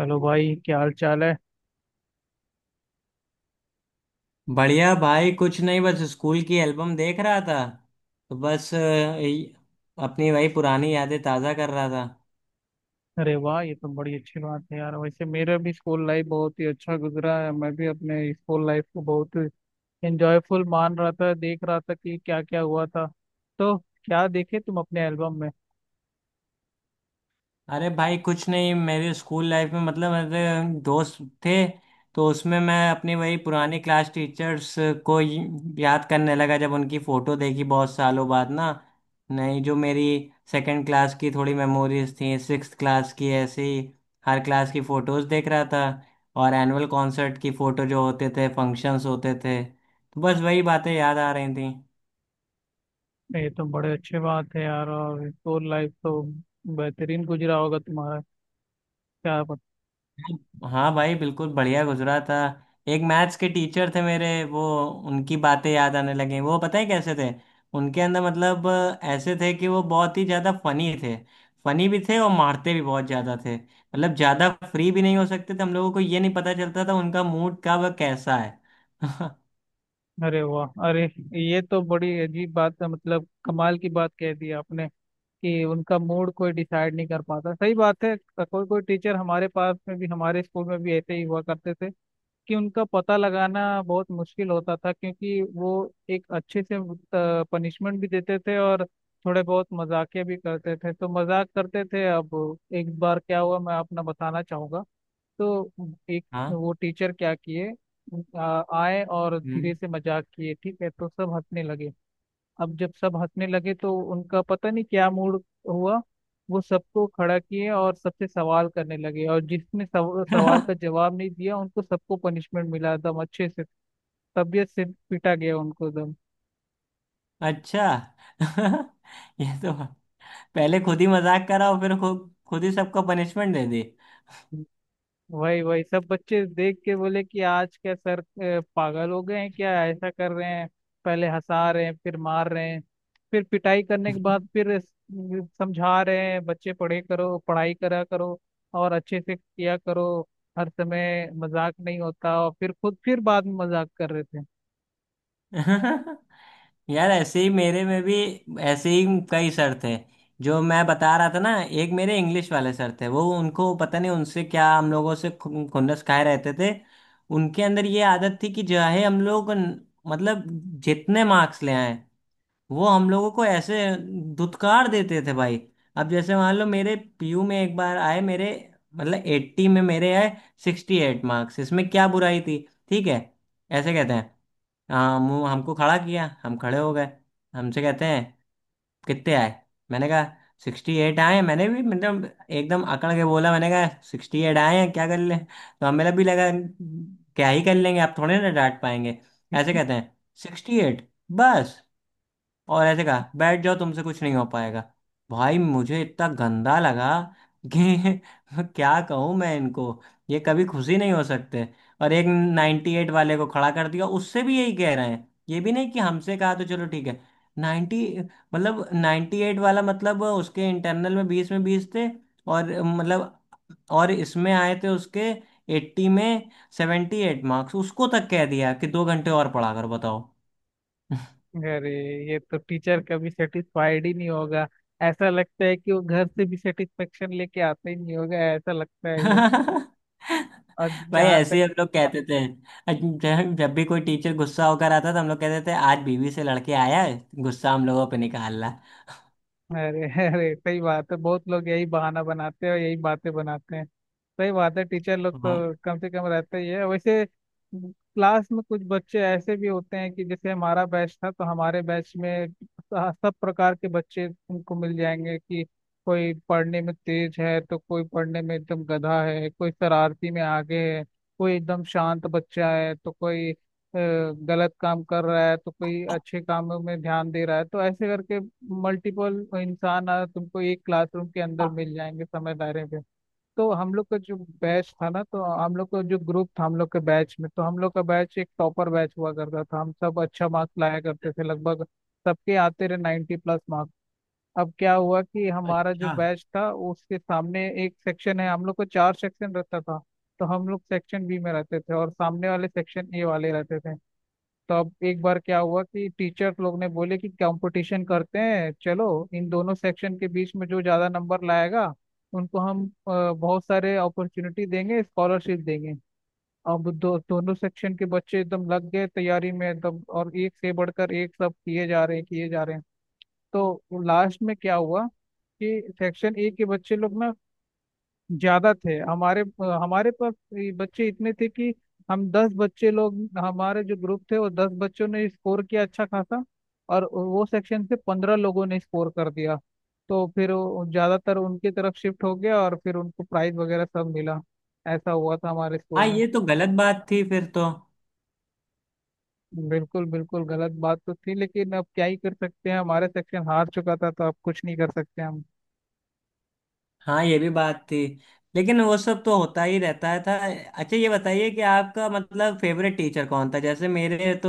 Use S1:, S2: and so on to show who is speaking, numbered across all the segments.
S1: Hello भाई, क्या हाल चाल है?
S2: बढ़िया भाई। कुछ नहीं, बस स्कूल की एल्बम देख रहा था। तो बस अपनी वही पुरानी यादें ताज़ा कर रहा था।
S1: अरे वाह, ये तो बड़ी अच्छी बात है यार। वैसे मेरा भी स्कूल लाइफ बहुत ही अच्छा गुजरा है। मैं भी अपने स्कूल लाइफ को बहुत एंजॉयफुल मान रहा था, देख रहा था कि क्या क्या हुआ था। तो क्या देखे तुम अपने एल्बम में?
S2: अरे भाई कुछ नहीं, मेरे स्कूल लाइफ में मतलब मेरे दोस्त थे, तो उसमें मैं अपनी वही पुरानी क्लास टीचर्स को ही याद करने लगा जब उनकी फ़ोटो देखी बहुत सालों बाद ना। नहीं, जो मेरी सेकंड क्लास की थोड़ी मेमोरीज थी, सिक्स्थ क्लास की, ऐसे ही हर क्लास की फ़ोटोज़ देख रहा था। और एनुअल कॉन्सर्ट की फ़ोटो जो होते थे, फंक्शंस होते थे, तो बस वही बातें याद आ रही थी।
S1: ये तो बड़े अच्छे बात है यार, और स्कूल लाइफ तो बेहतरीन गुजरा होगा तुम्हारा, क्या पता।
S2: हाँ भाई, बिल्कुल बढ़िया गुजरा था। एक मैथ्स के टीचर थे मेरे, वो उनकी बातें याद आने लगी। वो पता है कैसे थे? उनके अंदर मतलब ऐसे थे कि वो बहुत ही ज़्यादा फनी थे। फनी भी थे और मारते भी बहुत ज़्यादा थे, मतलब ज़्यादा फ्री भी नहीं हो सकते थे, हम लोगों को ये नहीं पता चलता था उनका मूड कब और कैसा है।
S1: अरे वाह। अरे, ये तो बड़ी अजीब बात है, मतलब कमाल की बात कह दी आपने कि उनका मूड कोई डिसाइड नहीं कर पाता। सही बात है। कोई कोई टीचर हमारे पास में भी, हमारे स्कूल में भी ऐसे ही हुआ करते थे कि उनका पता लगाना बहुत मुश्किल होता था, क्योंकि वो एक अच्छे से पनिशमेंट भी देते थे और थोड़े बहुत मजाकिया भी करते थे, तो मजाक करते थे। अब एक बार क्या हुआ, मैं अपना बताना चाहूंगा। तो एक
S2: हाँ।
S1: वो टीचर क्या किए, आए और
S2: हम्म।
S1: धीरे से मजाक किए, ठीक है, तो सब हंसने लगे। अब जब सब हंसने लगे तो उनका पता नहीं क्या मूड हुआ, वो सबको खड़ा किए और सबसे सवाल करने लगे, और जिसने सवाल का जवाब नहीं दिया उनको सबको पनिशमेंट मिला एकदम अच्छे से, तबीयत से पिटा गया उनको एकदम।
S2: अच्छा। ये तो पहले खुद ही मजाक करा और फिर खुद ही सबको पनिशमेंट दे दी।
S1: वही वही सब बच्चे देख के बोले कि आज क्या सर, पागल हो गए हैं क्या, ऐसा कर रहे हैं, पहले हंसा रहे हैं फिर मार रहे हैं। फिर पिटाई करने के बाद फिर समझा रहे हैं बच्चे, पढ़े करो, पढ़ाई करा करो और अच्छे से किया करो, हर समय मजाक नहीं होता, और फिर खुद फिर बाद में मजाक कर रहे थे।
S2: यार, ऐसे ही मेरे में भी, ऐसे ही कई सर थे। जो मैं बता रहा था ना, एक मेरे इंग्लिश वाले सर थे, वो उनको पता नहीं उनसे क्या, हम लोगों से खुन्नस खाए रहते थे। उनके अंदर ये आदत थी कि चाहे हम लोग मतलब जितने मार्क्स ले आए, वो हम लोगों को ऐसे धुतकार देते थे भाई। अब जैसे मान लो, मेरे पीयू में एक बार आए मेरे, मतलब एट्टी में मेरे आए सिक्सटी एट मार्क्स। इसमें क्या बुराई थी? ठीक है, ऐसे कहते हैं, हाँ, हमको खड़ा किया, हम खड़े हो गए। हमसे कहते हैं, कितने आए? मैंने कहा, सिक्सटी एट आए हैं। मैंने भी मतलब एकदम अकड़ के बोला, मैंने कहा सिक्सटी एट आए हैं, क्या कर ले? तो हमें भी लगा क्या ही कर लेंगे, आप थोड़े ना डांट पाएंगे। ऐसे कहते हैं, सिक्सटी एट, बस? और ऐसे कहा, बैठ जाओ, तुमसे कुछ नहीं हो पाएगा। भाई मुझे इतना गंदा लगा कि क्या कहूँ मैं इनको? ये कभी खुशी नहीं हो सकते। और एक 98 वाले को खड़ा कर दिया, उससे भी यही कह रहे हैं। ये भी नहीं कि हमसे कहा तो चलो ठीक है, 90, मतलब 98 वाला, मतलब उसके इंटरनल में 20 में 20 थे, और मतलब और इसमें आए थे उसके एट्टी में सेवेंटी एट मार्क्स। उसको तक कह दिया कि 2 घंटे और पढ़ा कर बताओ।
S1: अरे, ये तो टीचर कभी सेटिस्फाइड ही नहीं होगा। ऐसा लगता है कि वो घर से भी सेटिस्फेक्शन लेके आता ही नहीं होगा, ऐसा लगता है ये। और
S2: भाई
S1: जहाँ
S2: ऐसे
S1: तक।
S2: ही हम लोग कहते थे। जब जब भी कोई टीचर गुस्सा होकर आता था, हम लोग कहते थे, आज बीवी से लड़के आया है, गुस्सा हम लोगों पे निकालना।
S1: अरे अरे, सही बात है। बहुत लोग यही बहाना बनाते हैं और यही बातें बनाते हैं। सही बात है, टीचर लोग
S2: हाँ।
S1: तो कम से कम रहते ही है वैसे। क्लास में कुछ बच्चे ऐसे भी होते हैं कि जैसे हमारा बैच था, तो हमारे बैच में सब प्रकार के बच्चे तुमको मिल जाएंगे कि कोई पढ़ने में तेज है तो कोई पढ़ने में एकदम गधा है, कोई शरारती में आगे है, कोई एकदम शांत बच्चा है, तो कोई गलत काम कर रहा है तो कोई अच्छे कामों में ध्यान दे रहा है। तो ऐसे करके मल्टीपल इंसान तुमको एक क्लासरूम के अंदर मिल जाएंगे समय दायरे पे। तो हम लोग का जो बैच था ना, तो हम लोग का जो ग्रुप था, हम लोग के बैच में, तो हम लोग का बैच एक टॉपर बैच हुआ करता था, हम सब अच्छा मार्क्स लाया करते थे लगभग, सबके आते रहे 90 प्लस मार्क्स। अब क्या हुआ कि हमारा जो
S2: अच्छा।
S1: बैच था उसके सामने एक सेक्शन है, हम लोग को चार सेक्शन रहता था। तो हम लोग सेक्शन बी में रहते थे और सामने वाले सेक्शन ए वाले रहते थे। तो अब एक बार क्या हुआ कि टीचर लोग ने बोले कि कंपटीशन करते हैं चलो, इन दोनों सेक्शन के बीच में जो ज़्यादा नंबर लाएगा उनको हम बहुत सारे अपॉर्चुनिटी देंगे, स्कॉलरशिप देंगे। अब दो दोनों सेक्शन के बच्चे एकदम लग गए तैयारी में एकदम, और एक से बढ़कर एक सब किए जा रहे हैं, किए जा रहे हैं। तो लास्ट में क्या हुआ कि सेक्शन ए के बच्चे लोग ना ज्यादा थे, हमारे हमारे पास ये बच्चे इतने थे कि हम 10 बच्चे लोग, हमारे जो ग्रुप थे, वो 10 बच्चों ने स्कोर किया अच्छा खासा, और वो सेक्शन से 15 लोगों ने स्कोर कर दिया। तो फिर वो ज्यादातर उनकी तरफ शिफ्ट हो गया और फिर उनको प्राइज वगैरह सब मिला। ऐसा हुआ था हमारे स्कूल
S2: हाँ
S1: में।
S2: ये तो गलत बात थी फिर तो।
S1: बिल्कुल बिल्कुल, गलत बात तो थी, लेकिन अब क्या ही कर सकते हैं, हमारे सेक्शन हार चुका था, तो अब कुछ नहीं कर सकते हम।
S2: हाँ ये भी बात थी, लेकिन वो सब तो होता ही रहता है था। अच्छा ये बताइए कि आपका मतलब फेवरेट टीचर कौन था? जैसे मेरे तो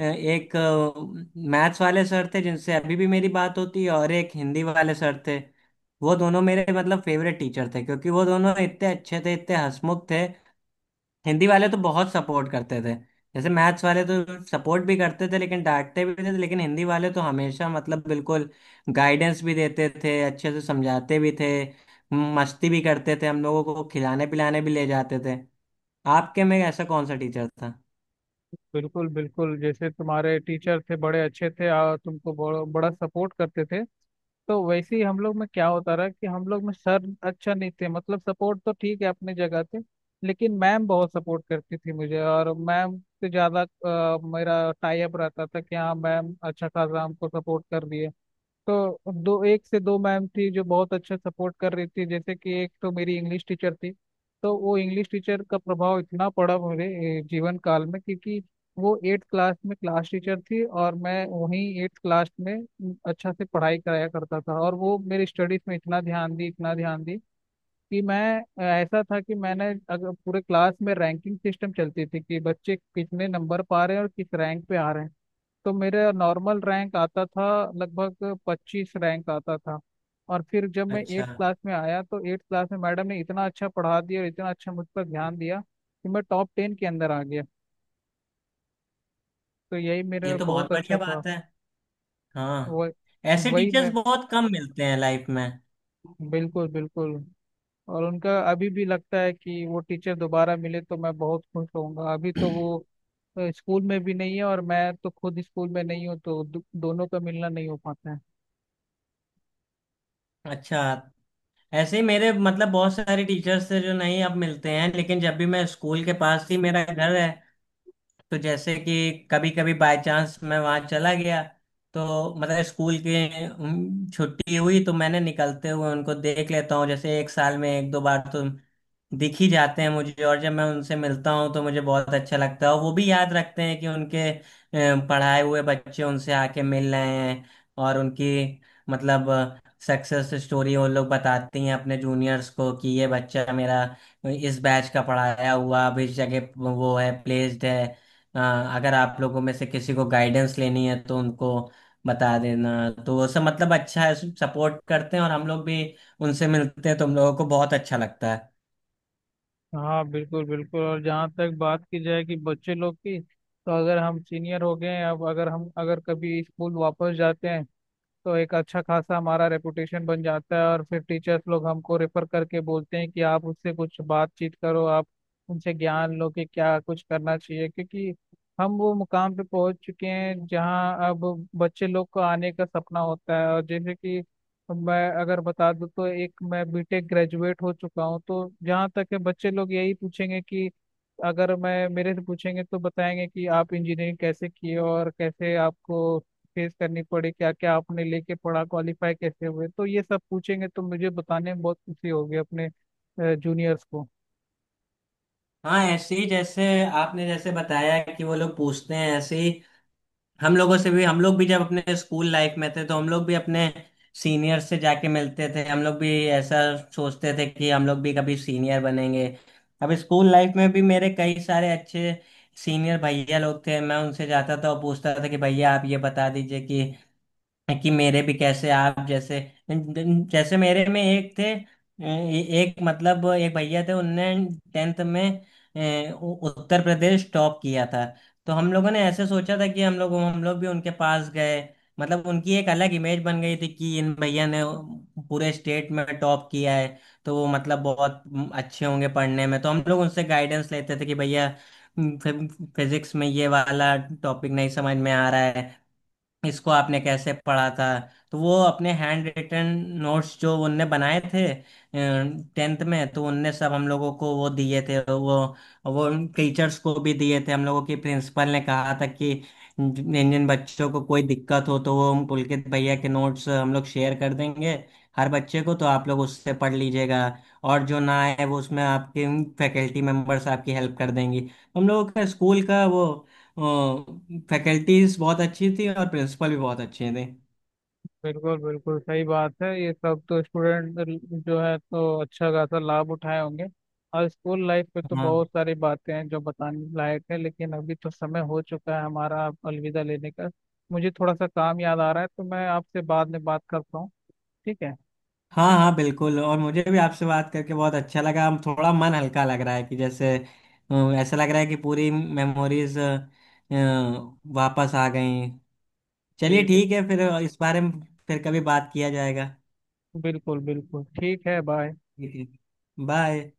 S2: एक मैथ्स वाले सर थे जिनसे अभी भी मेरी बात होती है, और एक हिंदी वाले सर थे। वो दोनों मेरे मतलब फेवरेट टीचर थे, क्योंकि वो दोनों इतने अच्छे थे, इतने हंसमुख थे। हिंदी वाले तो बहुत सपोर्ट करते थे। जैसे मैथ्स वाले तो सपोर्ट भी करते थे लेकिन डांटते भी थे, लेकिन हिंदी वाले तो हमेशा मतलब बिल्कुल गाइडेंस भी देते थे, अच्छे से समझाते भी थे, मस्ती भी करते थे, हम लोगों को खिलाने पिलाने भी ले जाते थे। आपके में ऐसा कौन सा टीचर था?
S1: बिल्कुल बिल्कुल, जैसे तुम्हारे टीचर थे बड़े अच्छे थे और तुमको बड़ा बड़ा सपोर्ट करते थे, तो वैसे ही हम लोग में क्या होता रहा कि हम लोग में सर अच्छा नहीं थे, मतलब सपोर्ट तो ठीक है, अपनी जगह थे, लेकिन मैम बहुत सपोर्ट करती थी मुझे। और मैम से ज्यादा मेरा टाई अप रहता था कि हाँ मैम अच्छा खासा हमको सपोर्ट कर रही है। तो दो एक से दो मैम थी जो बहुत अच्छा सपोर्ट कर रही थी, जैसे कि एक तो मेरी इंग्लिश टीचर थी। तो वो इंग्लिश टीचर का प्रभाव इतना पड़ा मेरे जीवन काल में, क्योंकि वो एट्थ क्लास में क्लास टीचर थी और मैं वहीं एट्थ क्लास में अच्छा से पढ़ाई कराया करता था, और वो मेरी स्टडीज में इतना ध्यान दी कि मैं ऐसा था कि मैंने, अगर पूरे क्लास में रैंकिंग सिस्टम चलती थी कि बच्चे कितने नंबर पा रहे हैं और किस रैंक पे आ रहे हैं, तो मेरा नॉर्मल रैंक आता था, लगभग 25 रैंक आता था। और फिर जब मैं
S2: अच्छा।
S1: एट्थ क्लास में आया, तो एट्थ क्लास में मैडम ने इतना अच्छा पढ़ा दिया और इतना अच्छा मुझ पर ध्यान दिया कि मैं टॉप 10 के अंदर आ गया। तो यही
S2: ये
S1: मेरा
S2: तो बहुत
S1: बहुत
S2: बढ़िया
S1: अच्छा था।
S2: बात है। हाँ,
S1: वह
S2: ऐसे
S1: वही
S2: टीचर्स
S1: मैं,
S2: बहुत कम मिलते हैं लाइफ में।
S1: बिल्कुल बिल्कुल। और उनका अभी भी लगता है कि वो टीचर दोबारा मिले तो मैं बहुत खुश होऊंगा। अभी तो वो स्कूल में भी नहीं है और मैं तो खुद स्कूल में नहीं हूँ, तो दोनों का मिलना नहीं हो पाता है।
S2: अच्छा, ऐसे ही मेरे मतलब बहुत सारे टीचर्स थे जो नहीं अब मिलते हैं, लेकिन जब भी मैं, स्कूल के पास ही मेरा घर है, तो जैसे कि कभी कभी बाय चांस मैं वहां चला गया, तो मतलब स्कूल की छुट्टी हुई, तो मैंने निकलते हुए उनको देख लेता हूँ। जैसे एक साल में एक दो बार तो दिख ही जाते हैं मुझे, और जब मैं उनसे मिलता हूँ तो मुझे बहुत अच्छा लगता है, और वो भी याद रखते हैं कि उनके पढ़ाए हुए बच्चे उनसे आके मिल रहे हैं। और उनकी मतलब सक्सेस स्टोरी वो लोग बताती हैं अपने जूनियर्स को कि ये बच्चा मेरा इस बैच का पढ़ाया हुआ, अब इस जगह वो है, प्लेस्ड है। अ, अगर आप लोगों में से किसी को गाइडेंस लेनी है तो उनको बता देना। तो वो सब मतलब अच्छा है, सपोर्ट करते हैं, और हम लोग भी उनसे मिलते हैं तो हम लोगों को बहुत अच्छा लगता है।
S1: हाँ, बिल्कुल बिल्कुल। और जहाँ तक बात की जाए कि बच्चे लोग की, तो अगर हम सीनियर हो गए हैं, अब अगर हम अगर कभी स्कूल वापस जाते हैं, तो एक अच्छा खासा हमारा रेपुटेशन बन जाता है, और फिर टीचर्स लोग हमको रेफर करके बोलते हैं कि आप उससे कुछ बातचीत करो, आप उनसे ज्ञान लो कि क्या कुछ करना चाहिए, क्योंकि हम वो मुकाम पे पहुंच चुके हैं जहां अब बच्चे लोग को आने का सपना होता है। और जैसे कि मैं अगर बता दूं, तो एक मैं बीटेक ग्रेजुएट हो चुका हूं, तो जहां तक है बच्चे लोग यही पूछेंगे कि अगर मैं, मेरे से पूछेंगे तो बताएंगे कि आप इंजीनियरिंग कैसे किए और कैसे आपको फेस करनी पड़ी, क्या क्या आपने लेके पढ़ा, क्वालिफाई कैसे हुए। तो ये सब पूछेंगे, तो मुझे बताने में बहुत खुशी होगी अपने जूनियर्स को।
S2: हाँ, ऐसे ही जैसे आपने जैसे बताया कि वो लोग पूछते हैं, ऐसे ही हम लोगों से भी, हम लोग भी जब अपने स्कूल लाइफ में थे तो हम लोग भी अपने सीनियर से जाके मिलते थे। हम लोग भी ऐसा सोचते थे कि हम लोग भी कभी सीनियर बनेंगे। अब स्कूल लाइफ में भी मेरे कई सारे अच्छे सीनियर भैया लोग थे, मैं उनसे जाता था और पूछता था कि भैया आप ये बता दीजिए कि मेरे भी कैसे आप जैसे, जैसे मेरे में एक थे, एक मतलब एक भैया थे, उनने टेंथ में उत्तर प्रदेश टॉप किया था। तो हम लोगों ने ऐसे सोचा था कि हम लोग भी उनके पास गए, मतलब उनकी एक अलग इमेज बन गई थी कि इन भैया ने पूरे स्टेट में टॉप किया है, तो वो मतलब बहुत अच्छे होंगे पढ़ने में, तो हम लोग उनसे गाइडेंस लेते थे कि भैया फिजिक्स में ये वाला टॉपिक नहीं समझ में आ रहा है, इसको आपने कैसे पढ़ा था। तो वो अपने हैंड रिटन नोट्स जो उनने बनाए थे टेंथ में, तो उनने सब हम लोगों को वो दिए थे, वो टीचर्स को भी दिए थे। हम लोगों की प्रिंसिपल ने कहा था कि जिन जिन बच्चों को कोई दिक्कत हो तो वो हम पुलकित भैया के नोट्स हम लोग शेयर कर देंगे हर बच्चे को, तो आप लोग उससे पढ़ लीजिएगा, और जो ना आए वो उसमें आपके फैकल्टी मेंबर्स आपकी हेल्प कर देंगी। हम लोगों का स्कूल का वो फैकल्टीज बहुत अच्छी थी और प्रिंसिपल भी बहुत अच्छे थे।
S1: बिल्कुल बिल्कुल, सही बात है, ये सब तो स्टूडेंट जो है तो अच्छा खासा लाभ उठाए होंगे। और स्कूल लाइफ पे तो
S2: हाँ।
S1: बहुत सारी बातें हैं जो बताने लायक है, लेकिन अभी तो समय हो चुका है हमारा अब अलविदा लेने का। मुझे थोड़ा सा काम याद आ रहा है, तो मैं आपसे बाद में बात करता हूँ, ठीक है?
S2: हाँ, हाँ बिल्कुल, और मुझे भी आपसे बात करके बहुत अच्छा लगा। हम थोड़ा मन हल्का लग रहा है कि जैसे ऐसा लग रहा है कि पूरी मेमोरीज वापस आ गई। चलिए
S1: जी जी,
S2: ठीक है, फिर इस बारे में फिर कभी बात किया जाएगा।
S1: बिल्कुल बिल्कुल, ठीक है, बाय।
S2: ठीक है, बाय।